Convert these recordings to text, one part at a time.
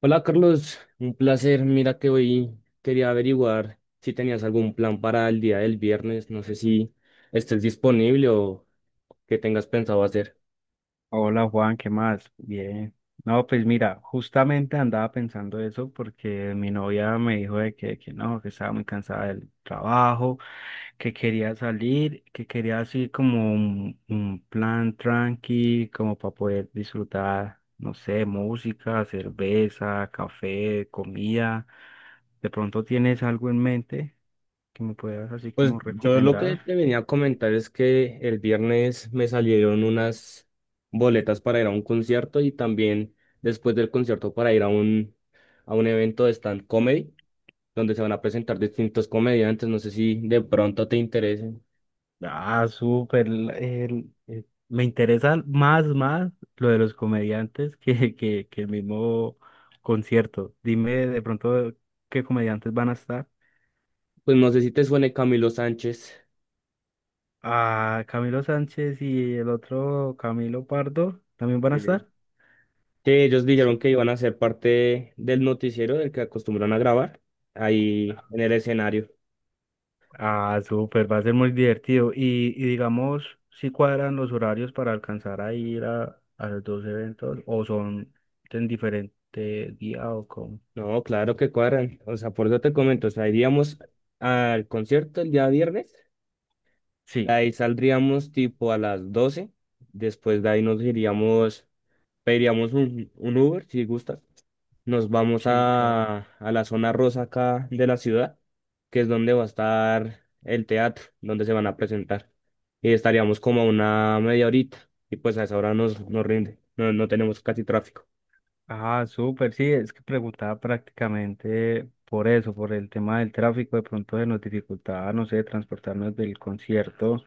Hola Carlos, un placer. Mira que hoy quería averiguar si tenías algún plan para el día del viernes. No sé si estés disponible o qué tengas pensado hacer. Hola Juan, ¿qué más? Bien. No, pues mira, justamente andaba pensando eso porque mi novia me dijo de que no, que estaba muy cansada del trabajo, que quería salir, que quería así como un plan tranqui, como para poder disfrutar, no sé, música, cerveza, café, comida. ¿De pronto tienes algo en mente que me puedas así Pues como yo lo que recomendar? te venía a comentar es que el viernes me salieron unas boletas para ir a un concierto y también después del concierto para ir a a un evento de stand comedy donde se van a presentar distintos comediantes. No sé si de pronto te interesen. Ah, súper. Me interesa más lo de los comediantes que el mismo concierto. Dime de pronto qué comediantes van a estar. Pues no sé si te suene Camilo Sánchez. Ah, Camilo Sánchez y el otro Camilo Pardo también van a eh, estar. que ellos dijeron Su- que iban a ser parte del noticiero del que acostumbran a grabar ahí en el escenario. ah, súper, va a ser muy divertido. Y digamos, si cuadran los horarios para alcanzar a ir a los dos eventos o son en diferente día o con... No, claro que cuadran. O sea, por eso te comento, o sea, iríamos al concierto el día viernes, de Sí, ahí saldríamos tipo a las 12. Después de ahí nos iríamos, pediríamos un Uber si gustas. Nos vamos sí, claro. a la zona rosa acá de la ciudad, que es donde va a estar el teatro, donde se van a presentar. Y estaríamos como a una media horita. Y pues a esa hora nos rinde. No, no tenemos casi tráfico. Ah, súper, sí, es que preguntaba prácticamente por eso, por el tema del tráfico, de pronto se nos dificultaba, no sé, transportarnos del concierto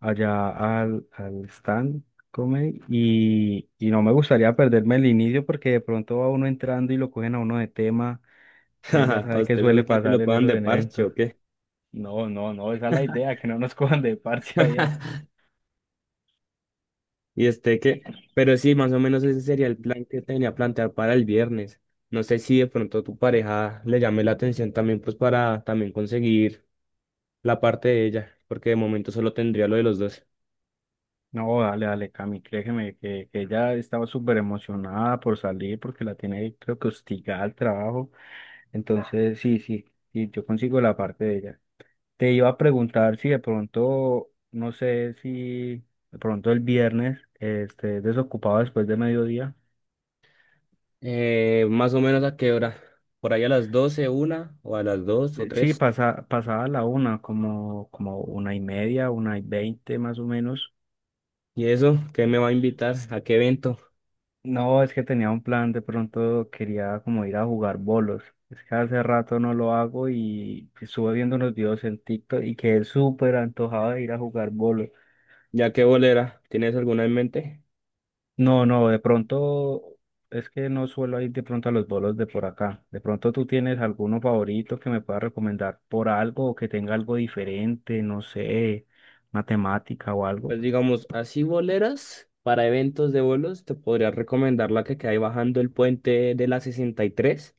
allá al, al stand comedy y no me gustaría perderme el inicio porque de pronto va uno entrando y lo cogen a uno de tema, entonces ya ¿A sabe qué usted le suele gusta que pasar lo en puedan esos de parche eventos. o qué? No, no, no, esa es la idea, que no nos cojan de parche allá. Y este qué, pero sí, más o menos ese sería el plan que tenía plantear para el viernes. No sé si de pronto tu pareja le llame la atención también, pues para también conseguir la parte de ella, porque de momento solo tendría lo de los dos. No, dale, dale, Cami, créeme que ella estaba súper emocionada por salir porque la tiene, creo que hostigada al trabajo. Entonces, sí, sí, sí, yo consigo la parte de ella. Te iba a preguntar si de pronto, no sé si de pronto el viernes este, desocupado después de mediodía. ¿ Más o menos a qué hora? Por ahí a las doce, una, o a las dos o Sí, tres. pasa, pasada la una, como, como una y media, una y veinte más o menos. ¿Y eso? ¿Qué me va a invitar? ¿A qué evento? No, es que tenía un plan, de pronto quería como ir a jugar bolos. Es que hace rato no lo hago y estuve viendo unos videos en TikTok y quedé súper antojado de ir a jugar bolos. ¿Ya qué bolera? ¿Tienes alguna en mente? No, no, de pronto es que no suelo ir de pronto a los bolos de por acá. De pronto tú tienes alguno favorito que me pueda recomendar por algo o que tenga algo diferente, no sé, matemática o algo. Pues digamos, así boleras para eventos de bolos, te podría recomendar la que queda ahí bajando el puente de la 63,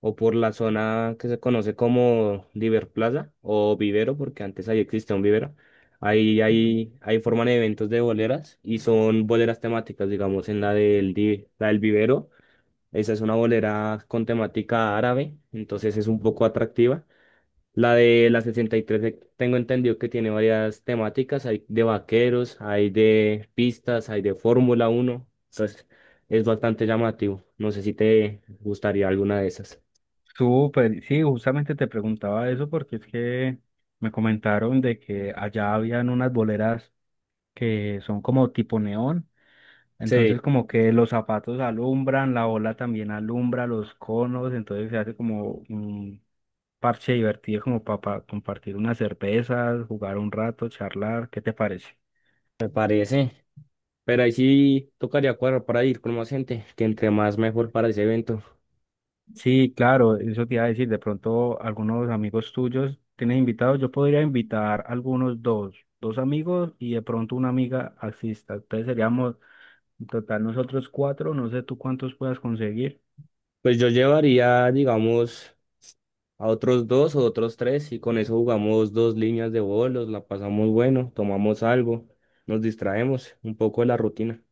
o por la zona que se conoce como Diverplaza o Vivero, porque antes ahí existía un vivero. Ahí forman eventos de boleras y son boleras temáticas, digamos, en la del vivero. Esa es una bolera con temática árabe, entonces es un poco atractiva. La de la 63, tengo entendido que tiene varias temáticas, hay de vaqueros, hay de pistas, hay de Fórmula uno, entonces es bastante llamativo. No sé si te gustaría alguna de esas. Súper, sí, justamente te preguntaba eso porque es que me comentaron de que allá habían unas boleras que son como tipo neón. Entonces Sí, como que los zapatos alumbran, la ola también alumbra, los conos, entonces se hace como un parche divertido como para compartir unas cervezas, jugar un rato, charlar, ¿qué te parece? me parece. Pero ahí sí tocaría cuadrar para ir con más gente, que entre más mejor para ese evento. Sí, claro, eso te iba a decir, de pronto algunos amigos tuyos tienes invitados, yo podría invitar algunos dos amigos y de pronto una amiga asista, entonces seríamos en total nosotros cuatro, no sé tú cuántos puedas conseguir. Pues yo llevaría, digamos, a otros dos o otros tres, y con eso jugamos dos líneas de bolos, la pasamos bueno, tomamos algo, nos distraemos un poco de la rutina.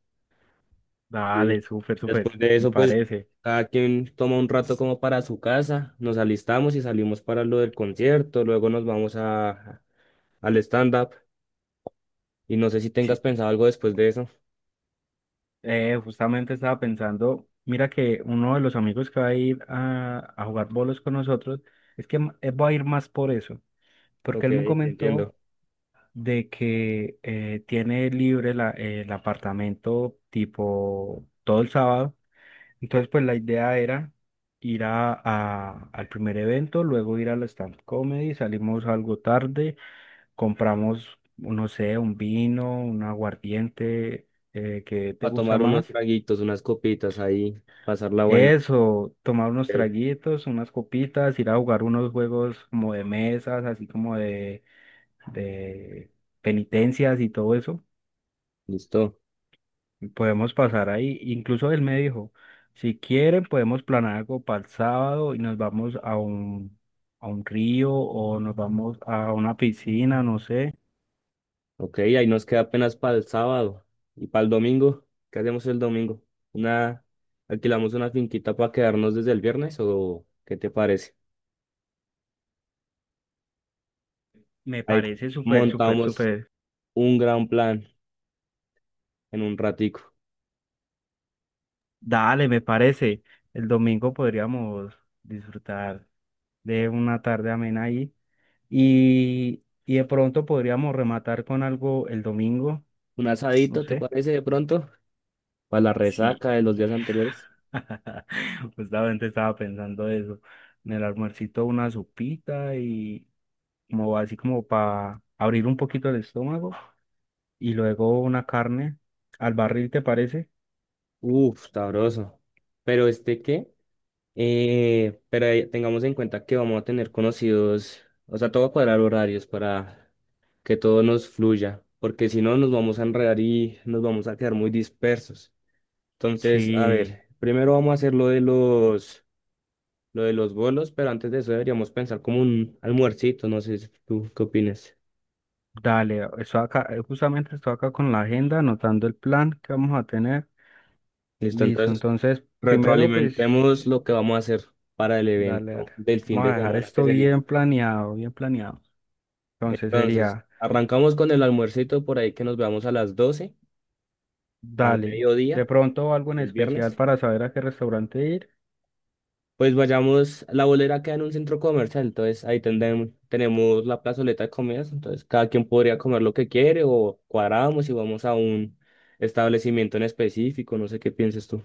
Dale, Y súper, súper, después de me eso, pues parece. cada quien toma un rato como para su casa, nos alistamos y salimos para lo del concierto, luego nos vamos al stand-up y no sé si tengas Sí, pensado algo después de eso. Justamente estaba pensando, mira que uno de los amigos que va a ir a jugar bolos con nosotros, va a ir más por eso, porque Ok, él me comentó entiendo. de que tiene libre el apartamento tipo todo el sábado, entonces pues la idea era ir a- al primer evento, luego ir a la stand comedy, salimos algo tarde, compramos, no sé, un vino, un aguardiente, ¿qué te A gusta tomar unos más? traguitos, unas copitas ahí, pasarla bueno. Eso, tomar unos Ok, traguitos, unas copitas, ir a jugar unos juegos como de mesas, así como de penitencias y todo eso. listo. Y podemos pasar ahí. Incluso él me dijo, si quieren podemos planear algo para el sábado y nos vamos a un río o nos vamos a una piscina, no sé. Ok, ahí nos queda apenas para el sábado. Y para el domingo, ¿qué hacemos el domingo? Una, alquilamos una finquita para quedarnos desde el viernes, o ¿qué te parece? Me Ahí parece súper, súper, montamos súper. un gran plan en un ratico. Dale, me parece. El domingo podríamos disfrutar de una tarde amena ahí. Y de pronto podríamos rematar con algo el domingo, Un no asadito, ¿te sé. parece de pronto? Para la resaca Sí, de los días anteriores. justamente estaba pensando eso. En el almuercito una sopita y como así como para abrir un poquito el estómago y luego una carne al barril, ¿te parece? Uf, sabroso. ¿Pero este qué? Pero ahí tengamos en cuenta que vamos a tener conocidos, o sea, todo cuadrar horarios para que todo nos fluya, porque si no nos vamos a enredar y nos vamos a quedar muy dispersos. Entonces, a Sí, ver, primero vamos a hacer lo de lo de los bolos, pero antes de eso deberíamos pensar como un almuercito, no sé si tú qué opinas. dale, estoy acá, justamente estoy acá con la agenda, anotando el plan que vamos a tener. Listo, Listo, entonces entonces primero pues, retroalimentemos lo que vamos a hacer para el dale, evento dale. del fin Vamos de a dejar semana que esto se bien viene. planeado, bien planeado. Entonces Entonces, sería, arrancamos con el almuercito por ahí que nos veamos a las 12 al dale, de mediodía pronto algo en del especial viernes. para saber a qué restaurante ir. Pues vayamos, la bolera queda en un centro comercial, entonces ahí tenemos la plazoleta de comidas, entonces cada quien podría comer lo que quiere o cuadramos y vamos a un establecimiento en específico, no sé qué pienses tú.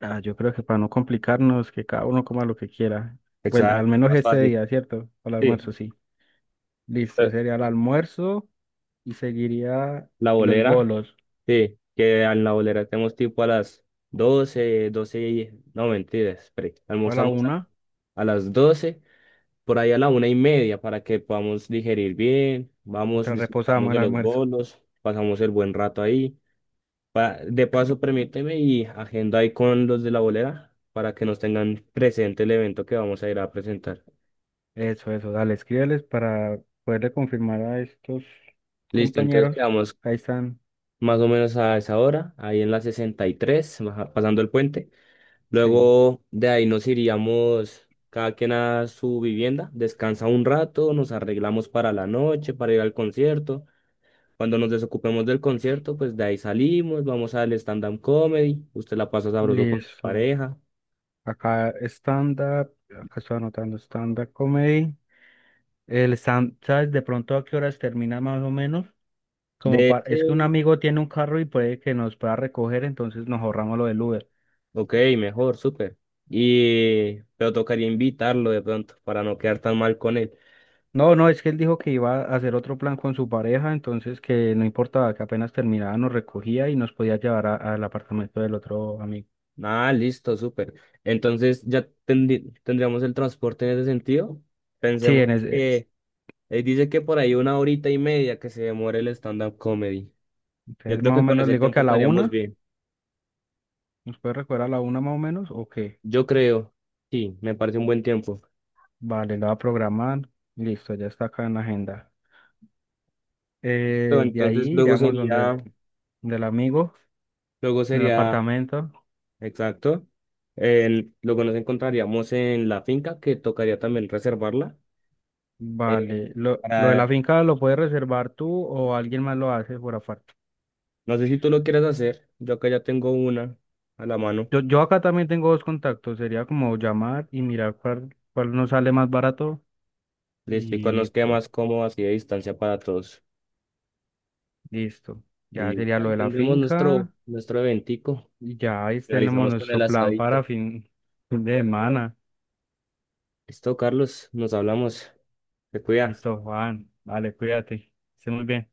Ah, yo creo que para no complicarnos, que cada uno coma lo que quiera. Bueno, al Exacto, menos más este fácil. día, ¿cierto? Para el Sí, almuerzo, sí. Listo, eh, sería el almuerzo y seguiría la los bolera, bolos. sí, que en la bolera tenemos tipo a las 12, 12 y... No, mentiras, espere, Para la almorzamos a, la- una, a las 12. Por ahí a la 1:30 para que podamos digerir bien, vamos, mientras disfrutamos reposamos el de los almuerzo. bolos, pasamos el buen rato ahí. De paso, permíteme y agenda ahí con los de la bolera para que nos tengan presente el evento que vamos a ir a presentar. Eso, dale, escríbeles para poderle confirmar a estos Listo, entonces compañeros. quedamos Ahí están, más o menos a esa hora, ahí en la 63, pasando el puente. sí, Luego de ahí nos iríamos cada quien a su vivienda, descansa un rato, nos arreglamos para la noche, para ir al concierto. Cuando nos desocupemos del concierto, pues de ahí salimos, vamos al stand-up comedy, usted la pasa sabroso con su listo. pareja. Acá stand-up, acá estoy anotando stand-up comedy. El Sam, ¿sabes de pronto a qué horas termina más o menos? Como De para, es que un sí. amigo tiene un carro y puede que nos pueda recoger, entonces nos ahorramos lo del Uber. Ok, mejor, súper. Y pero tocaría invitarlo de pronto para no quedar tan mal con él. No, no, es que él dijo que iba a hacer otro plan con su pareja, entonces que no importaba que apenas terminaba, nos recogía y nos podía llevar a- al apartamento del otro amigo. Ah, listo, súper. Entonces ya tendríamos el transporte en ese sentido. Sí, Pensemos en ese, que él dice que por ahí una horita y media que se demore el stand-up comedy. Yo entonces creo más o que con menos ese le digo que tiempo a la estaríamos una, bien. ¿nos puede recoger a la una más o menos? ¿O qué? Yo creo, sí, me parece un buen tiempo. Vale, la va a programar, listo, ya está acá en la agenda. Listo, De ahí entonces luego iríamos donde sería, del amigo, luego en el sería, apartamento. exacto, luego nos encontraríamos en la finca que tocaría también reservarla. eh, Vale, lo de para, la finca lo puedes reservar tú o alguien más lo hace por aparte. no sé si tú lo quieres hacer, yo acá ya tengo una a la mano. Yo acá también tengo dos contactos, sería como llamar y mirar cuál nos sale más barato Listo, y cuál y nos queda pues más cómodo así de distancia para todos. listo. Y Ya listo, sería lo ahí de la nuestro, finca nuestro eventico, y ya ahí tenemos finalizamos con el nuestro plan para asadito. Fin de semana. Listo, Carlos, nos hablamos, te cuida. Listo, Juan, vale, cuídate, esté muy bien.